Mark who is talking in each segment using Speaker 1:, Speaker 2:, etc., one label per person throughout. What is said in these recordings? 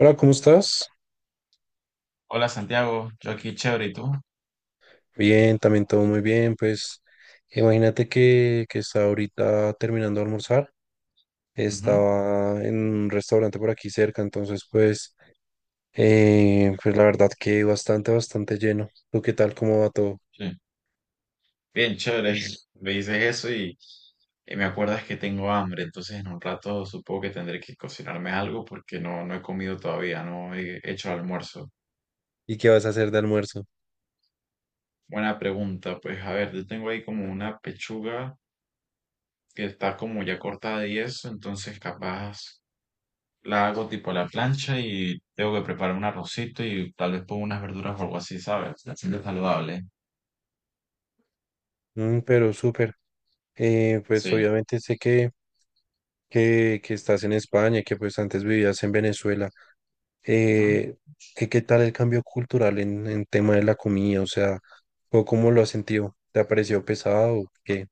Speaker 1: Hola, ¿cómo estás?
Speaker 2: Hola Santiago, yo aquí chévere, ¿y tú?
Speaker 1: Bien, también todo muy bien. Pues imagínate que estaba ahorita terminando de almorzar.
Speaker 2: Ujú,
Speaker 1: Estaba en un restaurante por aquí cerca, entonces pues, pues la verdad que bastante lleno. ¿Tú qué tal? ¿Cómo va todo?
Speaker 2: sí. Bien, chévere. Me dices eso y me acuerdas que tengo hambre, entonces en un rato supongo que tendré que cocinarme algo porque no he comido todavía, no he hecho el almuerzo.
Speaker 1: ¿Y qué vas a hacer de almuerzo?
Speaker 2: Buena pregunta, pues a ver, yo tengo ahí como una pechuga que está como ya cortada y eso, entonces capaz la hago tipo a la plancha y tengo que preparar un arrocito y tal vez pongo unas verduras o algo así, ¿sabes? Haciendo saludable.
Speaker 1: Mm, pero súper. Pues
Speaker 2: Sí.
Speaker 1: obviamente sé que estás en España, que pues antes vivías en Venezuela. eh, ¿Qué tal el cambio cultural en tema de la comida? O sea, ¿o ¿cómo lo has sentido? ¿Te ha parecido pesado o qué?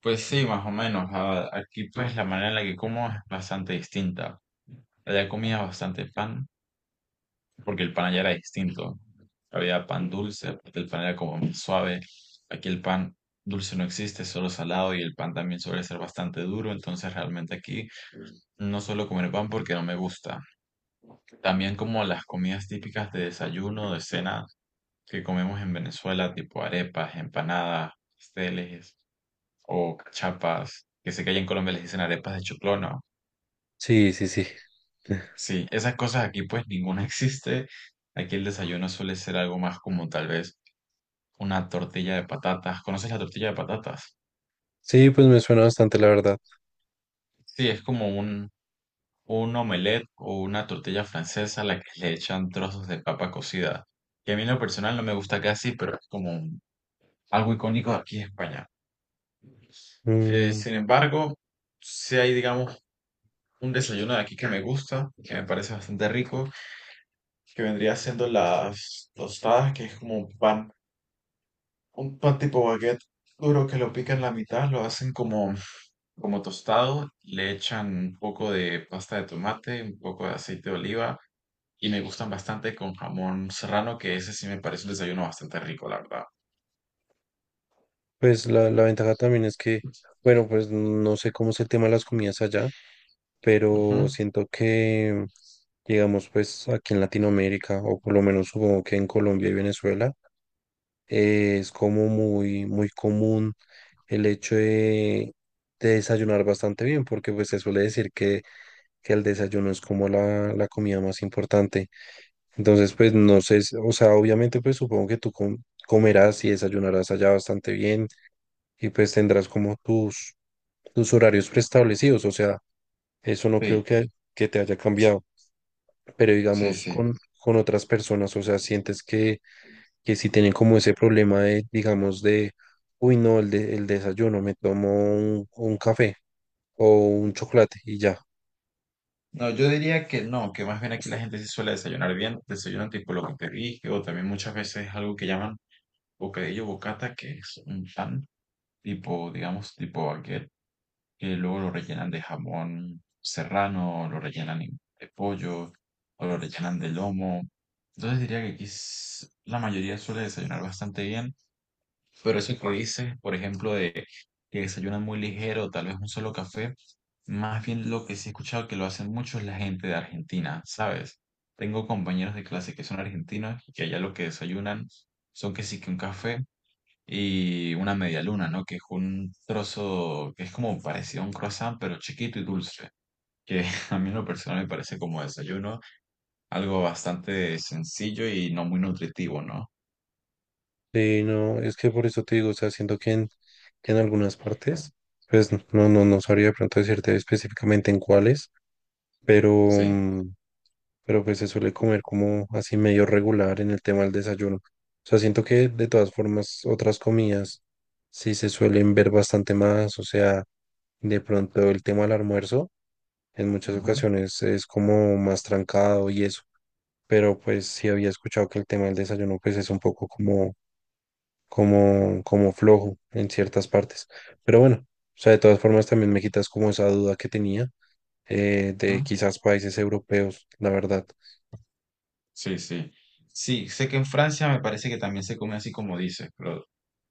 Speaker 2: Pues sí, más o menos. Aquí pues la manera en la que como es bastante distinta. Allá comía bastante pan, porque el pan allá era distinto. Había pan dulce, el pan era como más suave. Aquí el pan dulce no existe, es solo salado y el pan también suele ser bastante duro, entonces realmente aquí no suelo comer pan porque no me gusta. También como las comidas típicas de desayuno, de cena que comemos en Venezuela, tipo arepas, empanadas, pasteles o cachapas, que sé que allá en Colombia les dicen arepas de choclono.
Speaker 1: Sí, sí, sí.
Speaker 2: Sí, esas cosas aquí pues ninguna existe. Aquí el desayuno suele ser algo más como tal vez una tortilla de patatas. ¿Conoces la tortilla de patatas?
Speaker 1: Sí, pues me suena bastante, la verdad.
Speaker 2: Sí, es como un omelette o una tortilla francesa a la que le echan trozos de papa cocida. Que a mí en lo personal no me gusta casi, pero es como algo icónico de aquí en España.
Speaker 1: Mm,
Speaker 2: Sin embargo, si hay, digamos, un desayuno de aquí que me gusta, que me parece bastante rico, que vendría siendo las tostadas, que es como un pan tipo baguette duro que lo pican la mitad, lo hacen como, como tostado, le echan un poco de pasta de tomate, un poco de aceite de oliva, y me gustan bastante con jamón serrano, que ese sí me parece un desayuno bastante rico, la verdad.
Speaker 1: pues la ventaja también es que, bueno, pues no sé cómo es el tema de las comidas allá,
Speaker 2: Ujú.
Speaker 1: pero siento que, digamos, pues aquí en Latinoamérica, o por lo menos supongo que en Colombia y Venezuela, es como muy común el hecho de desayunar bastante bien, porque pues se suele decir que el desayuno es como la comida más importante. Entonces, pues no sé, si- o sea, obviamente pues supongo que tú comerás y desayunarás allá bastante bien y pues tendrás como tus horarios preestablecidos, o sea, eso no creo
Speaker 2: Sí,
Speaker 1: que te haya cambiado, pero
Speaker 2: sí,
Speaker 1: digamos
Speaker 2: sí.
Speaker 1: con otras personas, o sea, sientes que si tienen como ese problema de, digamos, de... Uy, no, el, de- el desayuno, me tomo un café. O un chocolate y ya.
Speaker 2: No, yo diría que no, que más bien aquí la gente sí suele desayunar bien, desayunan tipo lo que te dije, o también muchas veces algo que llaman bocadillo bocata, que es un pan tipo, digamos, tipo baguette, que luego lo rellenan de jamón serrano, o lo rellenan de pollo, o lo rellenan de lomo. Entonces diría que aquí la mayoría suele desayunar bastante bien, pero eso que dices, por ejemplo, de que desayunan muy ligero, tal vez un solo café, más bien lo que sí he escuchado que lo hacen mucho es la gente de Argentina, ¿sabes? Tengo compañeros de clase que son argentinos y que allá lo que desayunan son que sí que un café y una media luna, ¿no? Que es un trozo que es como parecido a un croissant, pero chiquito y dulce, que a mí en lo personal me parece como desayuno, algo bastante sencillo y no muy nutritivo, ¿no?
Speaker 1: Sí, no, es que por eso te digo, o sea, siento que que en algunas partes, pues no, no sabría de pronto decirte específicamente en cuáles, pero,
Speaker 2: Sí.
Speaker 1: pero pues se suele comer como así medio regular en el tema del desayuno. O sea, siento que de todas formas otras comidas sí se suelen ver bastante más, o sea, de pronto el tema del almuerzo en muchas
Speaker 2: Ujú,
Speaker 1: ocasiones es como más trancado y eso, pero pues sí había escuchado que el tema del desayuno pues es un poco como como flojo en ciertas partes. Pero bueno, o sea, de todas formas también me quitas como esa duda que tenía de
Speaker 2: ujú.
Speaker 1: quizás países europeos, la verdad.
Speaker 2: Sí, sí. Sí, sé que en Francia me parece que también se come así como dices, pero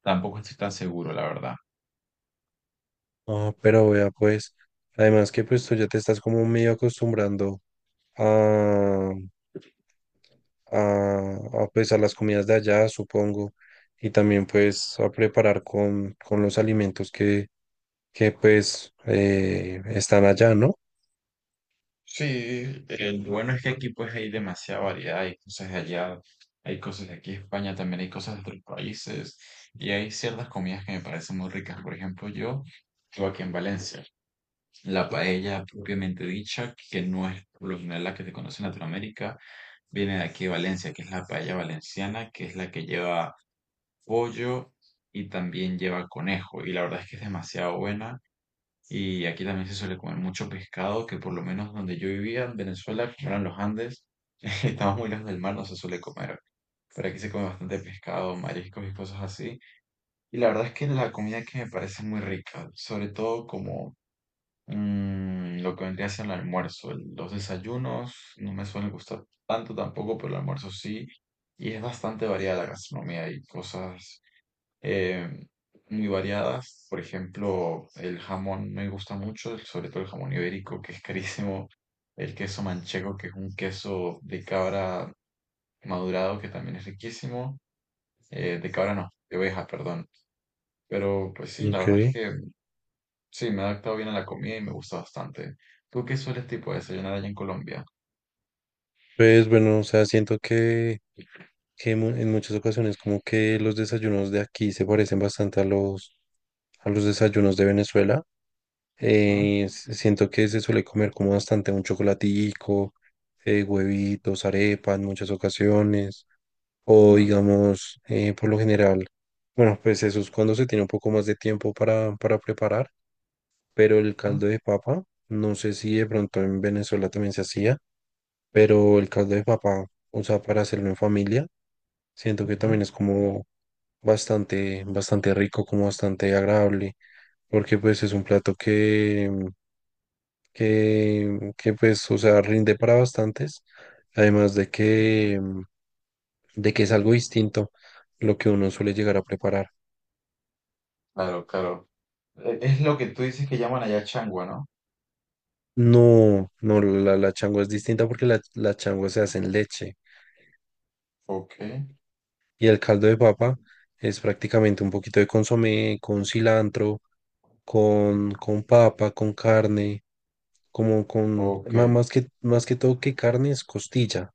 Speaker 2: tampoco estoy tan seguro, la verdad.
Speaker 1: Ah, pero vea, pues, además que pues tú ya te estás como medio acostumbrando a, pues a las comidas de allá, supongo, y también pues a preparar con los alimentos que pues están allá, ¿no?
Speaker 2: Sí, el bueno es que aquí pues hay demasiada variedad, hay cosas de allá, hay cosas de aquí, de España también hay cosas de otros países y hay ciertas comidas que me parecen muy ricas. Por ejemplo, yo vivo aquí en Valencia, la paella propiamente dicha, que no es por lo general la que se conoce en Latinoamérica, viene de aquí de Valencia, que es la paella valenciana, que es la que lleva pollo y también lleva conejo y la verdad es que es demasiado buena. Y aquí también se suele comer mucho pescado, que por lo menos donde yo vivía, en Venezuela, que no eran los Andes, estamos muy lejos del mar, no se suele comer. Pero aquí se come bastante pescado, mariscos y cosas así. Y la verdad es que la comida que me parece muy rica, sobre todo como lo que vendría a ser el almuerzo. Los desayunos no me suelen gustar tanto tampoco, pero el almuerzo sí. Y es bastante variada la gastronomía y cosas eh, muy variadas. Por ejemplo, el jamón me gusta mucho, sobre todo el jamón ibérico, que es carísimo. El queso manchego, que es un queso de cabra madurado, que también es riquísimo. De cabra no, de oveja, perdón. Pero pues sí, la
Speaker 1: Ok.
Speaker 2: verdad es que sí, me he adaptado bien a la comida y me gusta bastante. ¿Tú qué sueles tipo desayunar allá en Colombia?
Speaker 1: Pues bueno, o sea, siento que en muchas ocasiones como que los desayunos de aquí se parecen bastante a a los desayunos de Venezuela.
Speaker 2: ¿Mm?
Speaker 1: Siento que se suele comer como bastante un chocolatico, huevitos, arepa en muchas ocasiones, o
Speaker 2: ¿Mm?
Speaker 1: digamos, por lo general, bueno, pues eso es cuando se tiene un poco más de tiempo para preparar, pero el
Speaker 2: ¿Mm?
Speaker 1: caldo de papa, no sé si de pronto en Venezuela también se hacía, pero el caldo de papa, o sea, para hacerlo en familia. Siento que
Speaker 2: Ujú,
Speaker 1: también es como bastante rico, como bastante agradable, porque pues es un plato que, mm, que pues, o sea, rinde para bastantes, además de
Speaker 2: ujú.
Speaker 1: que, mm, de que es algo distinto lo que uno suele llegar a preparar.
Speaker 2: Claro, claro. Es lo que tú dices que llaman allá changua, ¿no?
Speaker 1: No, no, la changua es distinta porque la changua se hace en leche.
Speaker 2: Ok,
Speaker 1: Y el caldo de papa es prácticamente un poquito de consomé, con cilantro, con papa, con carne, como con,
Speaker 2: ok,
Speaker 1: más que todo que carne es costilla,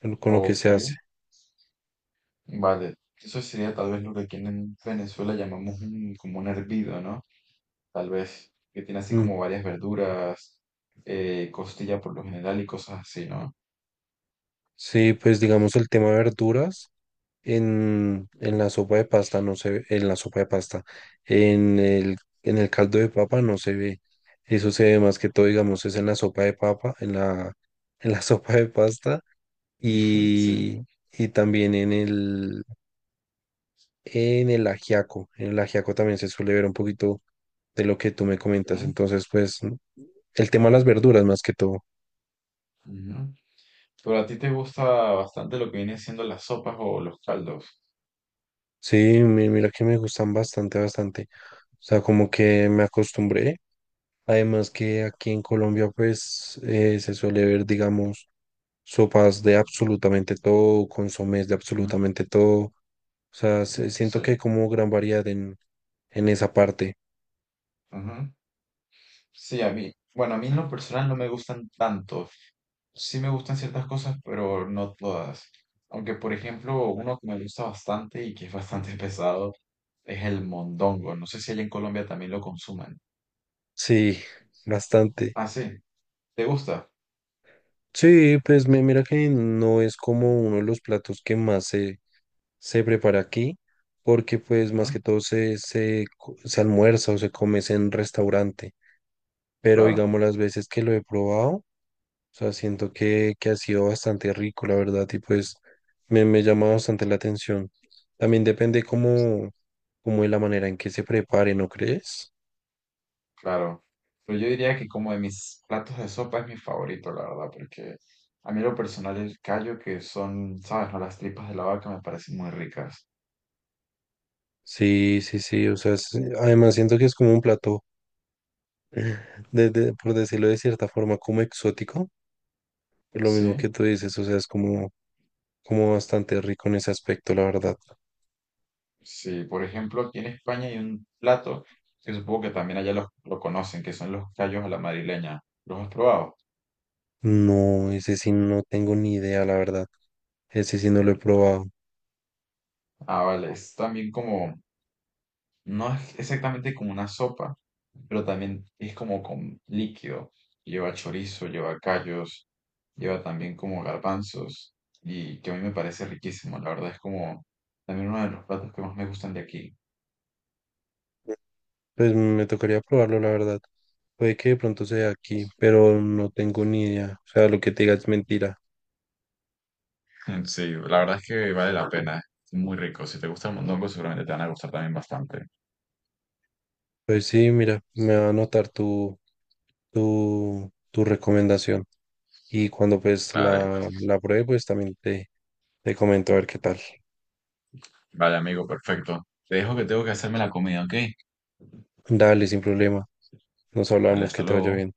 Speaker 1: con lo que
Speaker 2: ok.
Speaker 1: se hace.
Speaker 2: Vale, eso sería tal vez lo que aquí en Venezuela llamamos como un hervido, ¿no? Tal vez que tiene así
Speaker 1: Mm,
Speaker 2: como varias verduras, costilla por lo general y cosas así, ¿no?
Speaker 1: sí, pues digamos el tema de verduras en la sopa de pasta no se ve, en la sopa de pasta, en el, en el caldo de papa no se ve. Eso se ve más que todo, digamos, es en la sopa de papa, en la sopa de pasta
Speaker 2: Sí.
Speaker 1: y, y también en en el ajiaco. En el ajiaco también se suele ver un poquito de lo que tú me comentas.
Speaker 2: Ok.
Speaker 1: Entonces, pues, el tema de las verduras más que todo.
Speaker 2: Ujú. Pero a ti te gusta bastante lo que vienen siendo las sopas o los caldos.
Speaker 1: Sí, mira que me gustan bastante. O sea, como que me acostumbré. Además que aquí en Colombia, pues, se suele ver, digamos, sopas de absolutamente todo, consomés de
Speaker 2: ¿No?
Speaker 1: absolutamente todo. O sea, siento que hay
Speaker 2: Sí.
Speaker 1: como gran variedad en esa parte.
Speaker 2: Ujú. Sí, a mí, bueno, a mí en lo personal no me gustan tanto, sí me gustan ciertas cosas, pero no todas. Aunque, por ejemplo, uno que me gusta bastante y que es bastante pesado es el mondongo. No sé si allá en Colombia también lo consuman.
Speaker 1: Sí, bastante.
Speaker 2: Ah, sí, ¿te gusta?
Speaker 1: Sí, pues mira que no es como uno de los platos que más se prepara aquí, porque pues más
Speaker 2: Ujú.
Speaker 1: que todo se almuerza o se come es en restaurante, pero
Speaker 2: Claro,
Speaker 1: digamos las veces que lo he probado, o sea, siento que ha sido bastante rico, la verdad, y pues me llama bastante la atención. También depende como, como de la manera en que se prepare, ¿no crees?
Speaker 2: claro. Pero yo diría que como de mis platos de sopa es mi favorito, la verdad, porque a mí en lo personal el callo, que son, ¿sabes? ¿No? Las tripas de la vaca me parecen muy ricas.
Speaker 1: Sí, sí, sí, o sea, además siento que es como un plato, por decirlo de cierta forma, como exótico. Lo mismo
Speaker 2: Sí.
Speaker 1: que tú dices, o sea, es como, como bastante rico en ese aspecto, la verdad.
Speaker 2: Sí, por ejemplo, aquí en España hay un plato que supongo que también allá lo conocen, que son los callos a la madrileña. ¿Los has probado?
Speaker 1: No, ese sí no tengo ni idea, la verdad. Ese sí no lo he probado.
Speaker 2: Ah, vale, es también como, no es exactamente como una sopa, pero también es como con líquido. Lleva chorizo, lleva callos, lleva también como garbanzos, y que a mí me parece riquísimo. La verdad es como también uno de los platos que más me gustan de aquí.
Speaker 1: Pues me tocaría probarlo, la verdad. Puede que de pronto sea aquí, pero no tengo ni idea. O sea, lo que te diga es mentira.
Speaker 2: Sí, la verdad es que vale la pena. Es muy rico. Si te gusta el mondongo, seguramente te van a gustar también bastante.
Speaker 1: Pues sí, mira, me va a anotar tu recomendación. Y cuando pues
Speaker 2: Vale,
Speaker 1: la pruebe, pues también te comento a ver qué tal.
Speaker 2: vale, amigo, perfecto. Te dejo que tengo que hacerme la comida, ¿ok?
Speaker 1: Dale, sin problema. Nos
Speaker 2: Dale,
Speaker 1: hablamos,
Speaker 2: hasta
Speaker 1: que te vaya
Speaker 2: luego.
Speaker 1: bien.